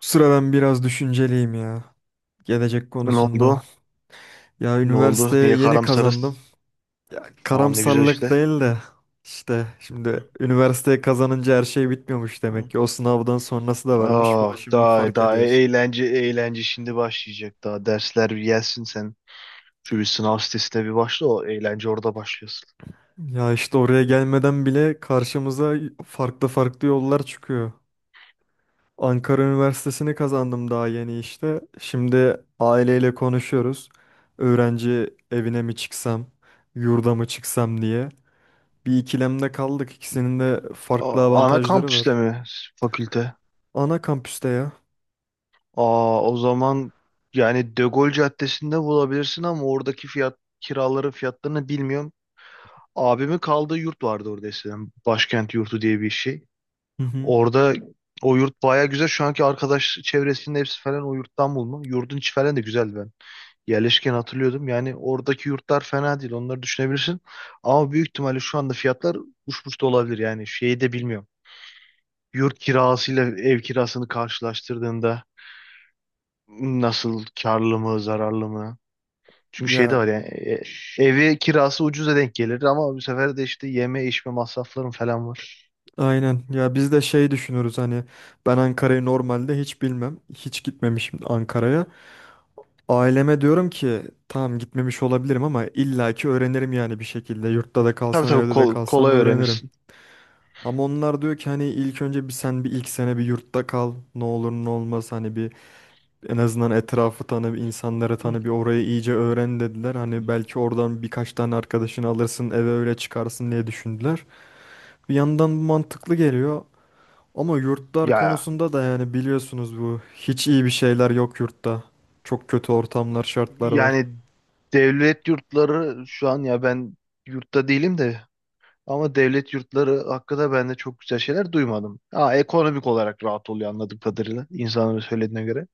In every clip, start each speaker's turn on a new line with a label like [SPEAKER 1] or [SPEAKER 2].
[SPEAKER 1] Sıra ben biraz düşünceliyim ya. Gelecek
[SPEAKER 2] Ne
[SPEAKER 1] konusunda.
[SPEAKER 2] oldu?
[SPEAKER 1] Ya
[SPEAKER 2] Ne oldu?
[SPEAKER 1] üniversiteye
[SPEAKER 2] Niye
[SPEAKER 1] yeni kazandım.
[SPEAKER 2] karamsarız?
[SPEAKER 1] Ya
[SPEAKER 2] Tamam ne güzel
[SPEAKER 1] karamsarlık
[SPEAKER 2] işte.
[SPEAKER 1] değil de işte
[SPEAKER 2] Hı,
[SPEAKER 1] şimdi üniversiteye kazanınca her şey bitmiyormuş
[SPEAKER 2] hı.
[SPEAKER 1] demek ki. O sınavdan sonrası da varmış. Bunu
[SPEAKER 2] Ah
[SPEAKER 1] şimdi
[SPEAKER 2] daha
[SPEAKER 1] fark
[SPEAKER 2] daha
[SPEAKER 1] ediyoruz.
[SPEAKER 2] eğlence eğlence şimdi başlayacak. Daha dersler bir gelsin sen. Şu bir sınav sitesine bir başla, o eğlence orada başlıyorsun.
[SPEAKER 1] Ya işte oraya gelmeden bile karşımıza farklı farklı yollar çıkıyor. Ankara Üniversitesi'ni kazandım daha yeni işte. Şimdi aileyle konuşuyoruz. Öğrenci evine mi çıksam, yurda mı çıksam diye. Bir ikilemde kaldık. İkisinin de farklı
[SPEAKER 2] Aa, ana
[SPEAKER 1] avantajları var.
[SPEAKER 2] kampüste mi fakülte?
[SPEAKER 1] Ana kampüste ya.
[SPEAKER 2] Aa o zaman yani De Gaulle Caddesi'nde bulabilirsin ama oradaki fiyat, kiraların fiyatlarını bilmiyorum. Abimin kaldığı yurt vardı orada eskiden. Başkent yurdu diye bir şey.
[SPEAKER 1] Hı hı.
[SPEAKER 2] Orada o yurt baya güzel. Şu anki arkadaş çevresinin hepsi falan o yurttan bulma. Yurdun içi falan da güzel ben. Yerleşken hatırlıyordum. Yani oradaki yurtlar fena değil. Onları düşünebilirsin. Ama büyük ihtimalle şu anda fiyatlar uçmuş da olabilir. Yani şeyi de bilmiyorum. Yurt kirasıyla ev kirasını karşılaştırdığında nasıl, karlı mı zararlı mı? Çünkü şey de
[SPEAKER 1] Ya
[SPEAKER 2] var yani, evi kirası ucuza denk gelir ama bu sefer de işte yeme içme masrafların falan var.
[SPEAKER 1] aynen. Ya biz de şey düşünürüz hani ben Ankara'yı normalde hiç bilmem. Hiç gitmemişim Ankara'ya. Aileme diyorum ki tamam gitmemiş olabilirim ama illaki öğrenirim yani bir şekilde. Yurtta da
[SPEAKER 2] Tabii
[SPEAKER 1] kalsam
[SPEAKER 2] tabii,
[SPEAKER 1] evde de kalsam
[SPEAKER 2] kolay
[SPEAKER 1] öğrenirim.
[SPEAKER 2] öğrenirsin.
[SPEAKER 1] Ama onlar diyor ki hani ilk önce bir sen bir ilk sene bir yurtta kal. Ne olur ne olmaz hani en azından etrafı tanı, insanları tanı, bir orayı iyice öğren dediler.
[SPEAKER 2] Hı.
[SPEAKER 1] Hani belki oradan birkaç tane arkadaşını alırsın, eve öyle çıkarsın diye düşündüler. Bir yandan bu mantıklı geliyor. Ama yurtlar
[SPEAKER 2] Ya
[SPEAKER 1] konusunda da yani biliyorsunuz bu hiç iyi bir şeyler yok yurtta. Çok kötü ortamlar, şartlar var.
[SPEAKER 2] yani devlet yurtları şu an, ya ben yurtta değilim de, ama devlet yurtları hakkında ben de çok güzel şeyler duymadım. Ha, ekonomik olarak rahat oluyor anladığım kadarıyla, insanların söylediğine göre.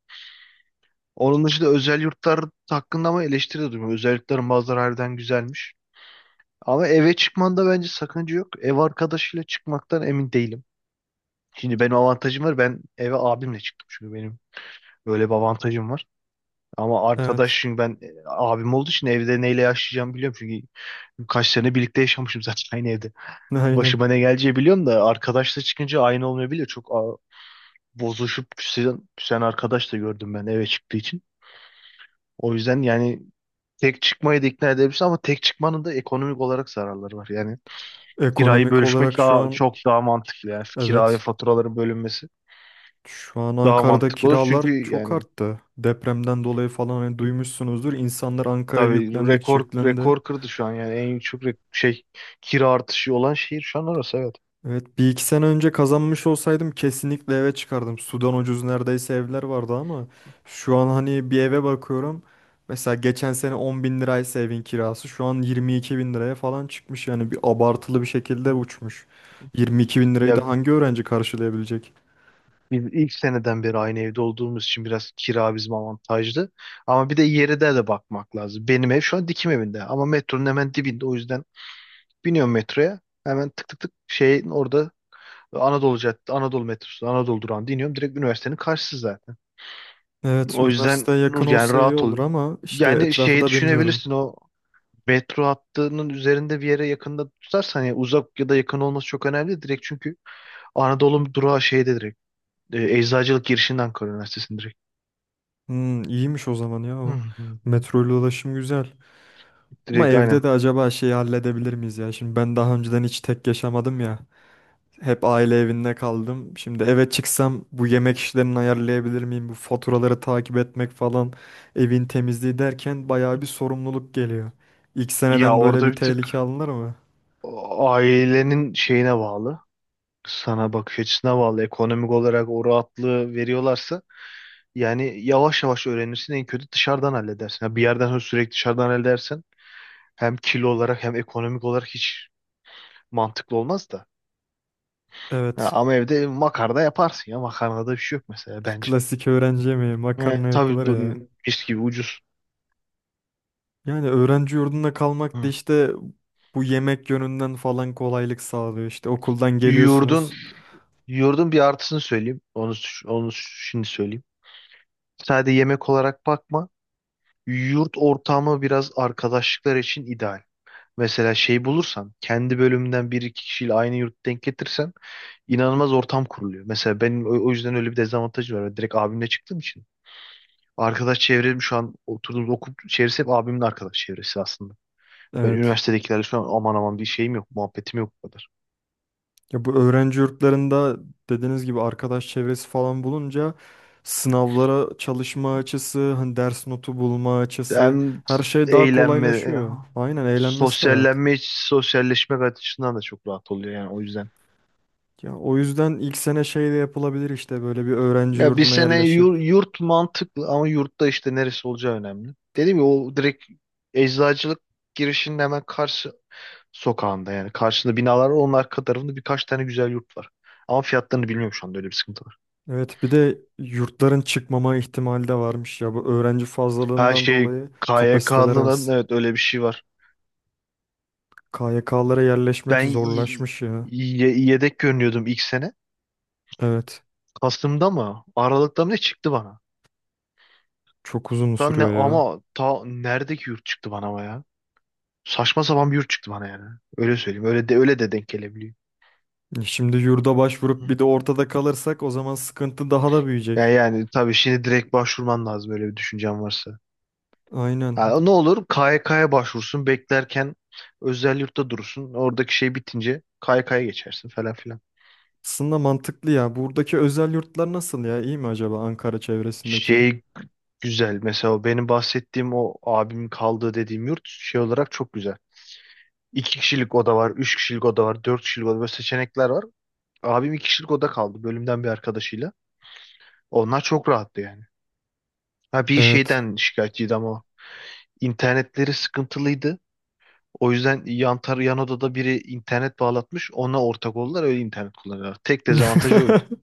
[SPEAKER 2] Onun dışında özel yurtlar hakkında ama eleştiri de duymadım. Özel yurtların bazıları harbiden güzelmiş. Ama eve çıkmanda bence sakınca yok. Ev arkadaşıyla çıkmaktan emin değilim. Şimdi benim avantajım var. Ben eve abimle çıktım çünkü benim böyle bir avantajım var. Ama arkadaş,
[SPEAKER 1] Evet.
[SPEAKER 2] çünkü ben abim olduğu için evde neyle yaşayacağımı biliyorum. Çünkü kaç sene birlikte yaşamışım zaten aynı evde.
[SPEAKER 1] Aynen.
[SPEAKER 2] Başıma ne geleceği biliyorum da arkadaşla çıkınca aynı olmayabiliyor. Bozuşup küsen arkadaş da gördüm ben, eve çıktığı için. O yüzden yani tek çıkmayı da ikna edebilirsin ama tek çıkmanın da ekonomik olarak zararları var. Yani kirayı
[SPEAKER 1] Ekonomik
[SPEAKER 2] bölüşmek
[SPEAKER 1] olarak şu
[SPEAKER 2] daha,
[SPEAKER 1] an
[SPEAKER 2] çok daha mantıklı, yani kira ve
[SPEAKER 1] evet.
[SPEAKER 2] faturaların bölünmesi
[SPEAKER 1] Şu an
[SPEAKER 2] daha
[SPEAKER 1] Ankara'da
[SPEAKER 2] mantıklı olur.
[SPEAKER 1] kiralar
[SPEAKER 2] Çünkü
[SPEAKER 1] çok
[SPEAKER 2] yani,
[SPEAKER 1] arttı. Depremden dolayı falan hani duymuşsunuzdur. İnsanlar Ankara'ya
[SPEAKER 2] tabii
[SPEAKER 1] yüklendikçe
[SPEAKER 2] rekor
[SPEAKER 1] yüklendi.
[SPEAKER 2] rekor kırdı şu an, yani en yüksek şey, kira artışı olan şehir şu an orası, evet.
[SPEAKER 1] Evet bir iki sene önce kazanmış olsaydım kesinlikle eve çıkardım. Sudan ucuz neredeyse evler vardı ama şu an hani bir eve bakıyorum. Mesela geçen sene 10 bin liraysa evin kirası şu an 22 bin liraya falan çıkmış. Yani bir abartılı bir şekilde
[SPEAKER 2] Hı.
[SPEAKER 1] uçmuş. 22 bin lirayı
[SPEAKER 2] Ya
[SPEAKER 1] da hangi öğrenci karşılayabilecek?
[SPEAKER 2] biz ilk seneden beri aynı evde olduğumuz için biraz kira bizim avantajlı. Ama bir de yere de bakmak lazım. Benim ev şu an dikim evinde ama metronun hemen dibinde, o yüzden biniyorum metroya. Hemen tık tık tık şeyin orada, Anadolu Caddesi, Anadolu metrosu, Anadolu durağında iniyorum. Direkt üniversitenin karşısı zaten.
[SPEAKER 1] Evet
[SPEAKER 2] O yüzden
[SPEAKER 1] üniversiteye yakın
[SPEAKER 2] Nur, yani
[SPEAKER 1] olsa iyi
[SPEAKER 2] rahat
[SPEAKER 1] olur
[SPEAKER 2] ol.
[SPEAKER 1] ama işte
[SPEAKER 2] Yani
[SPEAKER 1] etrafı
[SPEAKER 2] şeyi
[SPEAKER 1] da bilmiyorum.
[SPEAKER 2] düşünebilirsin, o metro hattının üzerinde bir yere yakında tutarsan yani, uzak ya da yakın olması çok önemli değil. Direkt çünkü Anadolu durağı şeyde, direkt Eczacılık girişinden Ankara Üniversitesi'nin direkt.
[SPEAKER 1] Hmm, iyiymiş o zaman ya
[SPEAKER 2] Hı,
[SPEAKER 1] o.
[SPEAKER 2] hı, hı.
[SPEAKER 1] Metroyla ulaşım güzel. Ama
[SPEAKER 2] Direkt,
[SPEAKER 1] evde
[SPEAKER 2] aynen.
[SPEAKER 1] de acaba şeyi halledebilir miyiz ya? Şimdi ben daha önceden hiç tek yaşamadım ya. Hep aile evinde kaldım. Şimdi eve çıksam bu yemek işlerini ayarlayabilir miyim? Bu faturaları takip etmek falan, evin temizliği derken bayağı bir sorumluluk geliyor. İlk
[SPEAKER 2] Ya
[SPEAKER 1] seneden böyle
[SPEAKER 2] orada
[SPEAKER 1] bir
[SPEAKER 2] bir
[SPEAKER 1] tehlike
[SPEAKER 2] tık
[SPEAKER 1] alınır mı?
[SPEAKER 2] ailenin şeyine bağlı. Sana bakış açısına bağlı. Ekonomik olarak o rahatlığı veriyorlarsa yani yavaş yavaş öğrenirsin. En kötü dışarıdan halledersin. Ha, bir yerden sonra sürekli dışarıdan halledersen hem kilo olarak hem ekonomik olarak hiç mantıklı olmaz da. Ya
[SPEAKER 1] Evet.
[SPEAKER 2] ama evde makarna yaparsın ya. Makarnada bir şey yok mesela, bence.
[SPEAKER 1] Klasik öğrenci yemeği, makarna
[SPEAKER 2] Evet,
[SPEAKER 1] yapılır
[SPEAKER 2] tabii bu,
[SPEAKER 1] ya.
[SPEAKER 2] mis gibi ucuz.
[SPEAKER 1] Yani öğrenci yurdunda kalmak da
[SPEAKER 2] Hı.
[SPEAKER 1] işte bu yemek yönünden falan kolaylık sağlıyor. İşte okuldan
[SPEAKER 2] Yoğurdun,
[SPEAKER 1] geliyorsunuz.
[SPEAKER 2] yoğurdun bir artısını söyleyeyim. Onu şimdi söyleyeyim. Sadece yemek olarak bakma. Yurt ortamı biraz arkadaşlıklar için ideal. Mesela şey bulursan, kendi bölümünden bir iki kişiyle aynı yurt denk getirsen inanılmaz ortam kuruluyor. Mesela benim o yüzden öyle bir dezavantajım var. Ben direkt abimle çıktığım için. Arkadaş çevrem şu an oturduğumuz okul çevresi, hep abimin arkadaş çevresi aslında. Ben
[SPEAKER 1] Evet.
[SPEAKER 2] üniversitedekilerle şu an aman aman bir şeyim yok, muhabbetim yok bu kadar.
[SPEAKER 1] Ya bu öğrenci yurtlarında dediğiniz gibi arkadaş çevresi falan bulunca sınavlara çalışma açısı, hani ders notu bulma açısı
[SPEAKER 2] Hem
[SPEAKER 1] her şey daha
[SPEAKER 2] eğlenme,
[SPEAKER 1] kolaylaşıyor. Aynen eğlenmesi de rahat.
[SPEAKER 2] sosyallenme, sosyalleşmek açısından da çok rahat oluyor yani, o yüzden.
[SPEAKER 1] Ya o yüzden ilk sene şey de yapılabilir işte böyle bir öğrenci
[SPEAKER 2] Ya bir
[SPEAKER 1] yurduna
[SPEAKER 2] sene
[SPEAKER 1] yerleşip.
[SPEAKER 2] yurt, mantıklı ama yurtta işte neresi olacağı önemli. Dedim ya, o direkt eczacılık girişinin hemen karşı sokağında, yani karşında binalar var, onun arka tarafında birkaç tane güzel yurt var. Ama fiyatlarını bilmiyorum şu anda, öyle bir sıkıntı var.
[SPEAKER 1] Evet bir de yurtların çıkmama ihtimali de varmış ya bu öğrenci
[SPEAKER 2] Her
[SPEAKER 1] fazlalığından
[SPEAKER 2] şey,
[SPEAKER 1] dolayı kapasiteler
[SPEAKER 2] KYK'lıların,
[SPEAKER 1] az.
[SPEAKER 2] evet, öyle bir şey var.
[SPEAKER 1] KYK'lara yerleşmek
[SPEAKER 2] Ben
[SPEAKER 1] zorlaşmış ya.
[SPEAKER 2] yedek görünüyordum ilk sene.
[SPEAKER 1] Evet
[SPEAKER 2] Kasım'da mı, Aralık'ta mı ne çıktı bana?
[SPEAKER 1] çok uzun
[SPEAKER 2] Ta ne
[SPEAKER 1] sürüyor ya.
[SPEAKER 2] ama ta neredeki yurt çıktı bana, ama ya. Saçma sapan bir yurt çıktı bana yani. Öyle söyleyeyim. Öyle de öyle de denk gelebiliyor.
[SPEAKER 1] Şimdi yurda
[SPEAKER 2] Hı.
[SPEAKER 1] başvurup bir de ortada kalırsak o zaman sıkıntı daha da
[SPEAKER 2] Yani,
[SPEAKER 1] büyüyecek.
[SPEAKER 2] yani tabii şimdi direkt başvurman lazım öyle bir düşüncen varsa.
[SPEAKER 1] Aynen.
[SPEAKER 2] Ha, ne olur KYK'ya başvursun, beklerken özel yurtta durursun. Oradaki şey bitince KYK'ya geçersin falan filan.
[SPEAKER 1] Aslında mantıklı ya. Buradaki özel yurtlar nasıl ya? İyi mi acaba Ankara çevresindeki?
[SPEAKER 2] Şey, güzel mesela, o benim bahsettiğim, o abimin kaldığı dediğim yurt şey olarak çok güzel. İki kişilik oda var, üç kişilik oda var, dört kişilik oda, böyle seçenekler var. Abim iki kişilik oda kaldı, bölümden bir arkadaşıyla. Onlar çok rahattı yani. Ha, bir
[SPEAKER 1] Evet.
[SPEAKER 2] şeyden şikayetçiydi ama o. internetleri sıkıntılıydı. O yüzden yan odada biri internet bağlatmış. Ona ortak oldular, öyle internet kullanıyorlar. Tek dezavantajı oydu.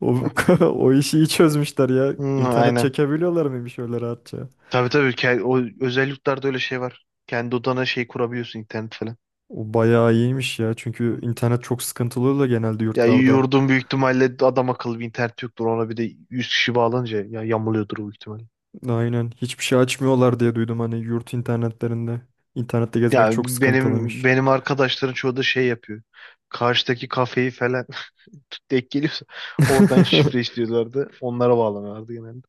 [SPEAKER 1] O,
[SPEAKER 2] Heh.
[SPEAKER 1] o işi iyi çözmüşler ya.
[SPEAKER 2] Hmm,
[SPEAKER 1] İnternet
[SPEAKER 2] aynen.
[SPEAKER 1] çekebiliyorlar mıymış öyle rahatça?
[SPEAKER 2] Tabii tabii, o özelliklerde öyle şey var. Kendi odana şey kurabiliyorsun, internet falan.
[SPEAKER 1] O bayağı iyiymiş ya. Çünkü
[SPEAKER 2] Hı.
[SPEAKER 1] internet çok sıkıntılı oluyor genelde
[SPEAKER 2] Ya
[SPEAKER 1] yurtlarda.
[SPEAKER 2] yurdun büyük ihtimalle adam akıllı bir internet yoktur. Ona bir de 100 kişi bağlanınca ya yamuluyordur o, ihtimal.
[SPEAKER 1] Aynen. Hiçbir şey açmıyorlar diye duydum hani yurt internetlerinde. İnternette gezmek
[SPEAKER 2] Ya
[SPEAKER 1] çok
[SPEAKER 2] benim
[SPEAKER 1] sıkıntılıymış.
[SPEAKER 2] benim arkadaşların çoğu da şey yapıyor. Karşıdaki kafeyi falan denk geliyorsa oradan şifre istiyorlardı. Onlara bağlanıyorlardı genelde.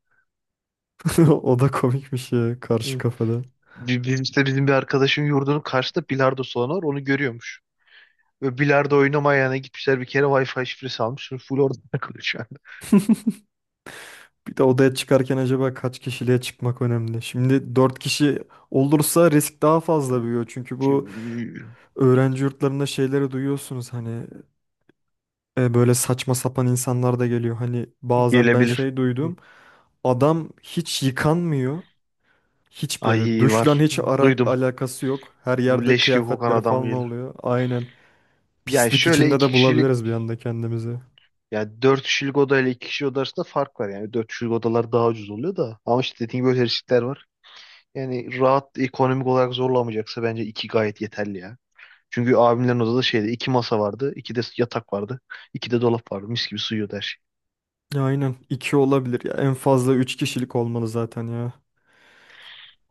[SPEAKER 1] O da komikmiş ya karşı
[SPEAKER 2] Hı.
[SPEAKER 1] kafada.
[SPEAKER 2] Bizim işte, bizim bir arkadaşın yurdunun karşısında bilardo salonu var. Onu görüyormuş. Ve bilardo oynamayana gitmişler bir kere, Wi-Fi şifresi almış. Şimdi full orada takılıyor şu anda.
[SPEAKER 1] Bir de odaya çıkarken acaba kaç kişiliğe çıkmak önemli? Şimdi 4 kişi olursa risk daha fazla büyüyor. Çünkü bu
[SPEAKER 2] Çünkü
[SPEAKER 1] öğrenci yurtlarında şeyleri duyuyorsunuz hani böyle saçma sapan insanlar da geliyor. Hani bazen ben
[SPEAKER 2] gelebilir.
[SPEAKER 1] şey duydum. Adam hiç yıkanmıyor. Hiç böyle
[SPEAKER 2] Ay,
[SPEAKER 1] duşla
[SPEAKER 2] var.
[SPEAKER 1] hiç ara
[SPEAKER 2] Duydum.
[SPEAKER 1] alakası yok. Her yerde
[SPEAKER 2] Leş gibi kokan
[SPEAKER 1] kıyafetleri
[SPEAKER 2] adam
[SPEAKER 1] falan
[SPEAKER 2] gelir.
[SPEAKER 1] oluyor. Aynen.
[SPEAKER 2] Yani
[SPEAKER 1] Pislik
[SPEAKER 2] şöyle
[SPEAKER 1] içinde
[SPEAKER 2] iki
[SPEAKER 1] de
[SPEAKER 2] kişilik,
[SPEAKER 1] bulabiliriz bir anda kendimizi.
[SPEAKER 2] yani 4 kişilik odayla iki 2 kişi oda arasında fark var. Yani 4 kişilik odalar daha ucuz oluyor da. Ama işte dediğim gibi böyle riskler var. Yani rahat, ekonomik olarak zorlamayacaksa bence 2 gayet yeterli ya. Çünkü abimlerin odada, şeyde, 2 masa vardı, 2 de yatak vardı, 2 de dolap vardı. Mis gibi sığıyordu her şey.
[SPEAKER 1] Ya aynen 2 olabilir ya. En fazla 3 kişilik olmalı zaten ya.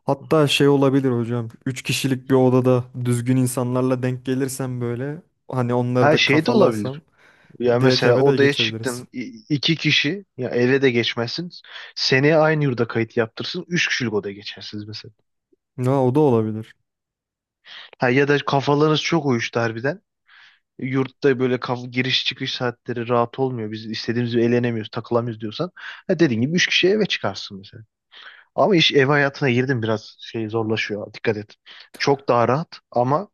[SPEAKER 1] Hatta şey olabilir hocam. 3 kişilik bir odada düzgün insanlarla denk gelirsem böyle hani onları
[SPEAKER 2] Her
[SPEAKER 1] da
[SPEAKER 2] şey de
[SPEAKER 1] kafalarsam
[SPEAKER 2] olabilir. Ya
[SPEAKER 1] direkt
[SPEAKER 2] mesela
[SPEAKER 1] eve de
[SPEAKER 2] odaya
[SPEAKER 1] geçebiliriz.
[SPEAKER 2] çıktın iki kişi, ya eve de geçmezsin. Seneye aynı yurda kayıt yaptırsın, üç kişilik odaya geçersiniz mesela.
[SPEAKER 1] Ya o da olabilir.
[SPEAKER 2] Ha, ya da kafalarınız çok uyuştu harbiden. Yurtta böyle giriş çıkış saatleri rahat olmuyor. Biz istediğimiz gibi eğlenemiyoruz, takılamıyoruz diyorsan, ha dediğin gibi üç kişi eve çıkarsın mesela. Ama iş ev hayatına girdim, biraz şey zorlaşıyor. Dikkat et. Çok daha rahat ama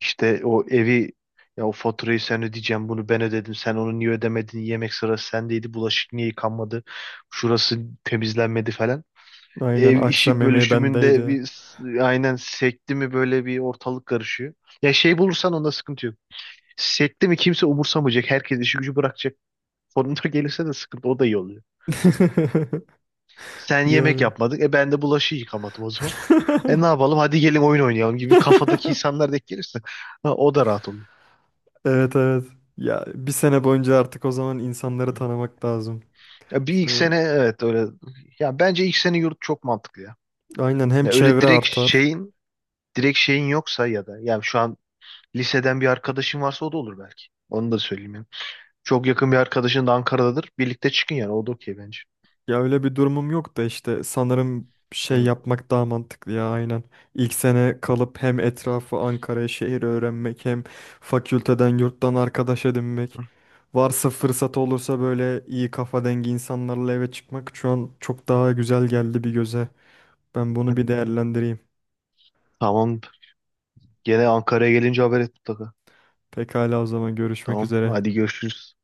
[SPEAKER 2] işte o evi, ya o faturayı sen ödeyeceğim, bunu ben ödedim, sen onu niye ödemedin, yemek sırası sendeydi, bulaşık niye yıkanmadı, şurası temizlenmedi falan.
[SPEAKER 1] Aynen
[SPEAKER 2] Ev işi
[SPEAKER 1] akşam yemeği
[SPEAKER 2] bölüşümünde
[SPEAKER 1] bendeydi.
[SPEAKER 2] bir aynen sekti mi böyle bir, ortalık karışıyor. Ya şey bulursan, onda sıkıntı yok. Sekte mi, kimse umursamayacak. Herkes işi gücü bırakacak. Sonunda gelirse de sıkıntı. O da iyi oluyor. Sen yemek
[SPEAKER 1] Yani.
[SPEAKER 2] yapmadın. E ben de bulaşığı yıkamadım o zaman. E ne yapalım? Hadi gelin oyun oynayalım gibi kafadaki insanlar denk gelirse, ha, o da rahat oluyor.
[SPEAKER 1] Evet evet. Ya bir sene boyunca artık o zaman insanları tanımak lazım.
[SPEAKER 2] Ya bir ilk
[SPEAKER 1] Şöyle
[SPEAKER 2] sene, evet, öyle. Ya bence ilk sene yurt çok mantıklı ya.
[SPEAKER 1] aynen hem
[SPEAKER 2] Ya öyle
[SPEAKER 1] çevre
[SPEAKER 2] direkt
[SPEAKER 1] artar.
[SPEAKER 2] şeyin yoksa, ya da yani şu an liseden bir arkadaşın varsa o da olur belki. Onu da söyleyeyim yani. Çok yakın bir arkadaşın da Ankara'dadır, birlikte çıkın yani. O da okey bence.
[SPEAKER 1] Ya öyle bir durumum yok da işte sanırım şey
[SPEAKER 2] Hı.
[SPEAKER 1] yapmak daha mantıklı ya aynen. İlk sene kalıp hem etrafı Ankara'ya şehir öğrenmek hem fakülteden yurttan arkadaş edinmek. Varsa fırsat olursa böyle iyi kafa dengi insanlarla eve çıkmak şu an çok daha güzel geldi bir göze. Ben bunu bir değerlendireyim.
[SPEAKER 2] Tamam. Gene Ankara'ya gelince haber et mutlaka.
[SPEAKER 1] Pekala o zaman görüşmek
[SPEAKER 2] Tamam.
[SPEAKER 1] üzere.
[SPEAKER 2] Hadi görüşürüz.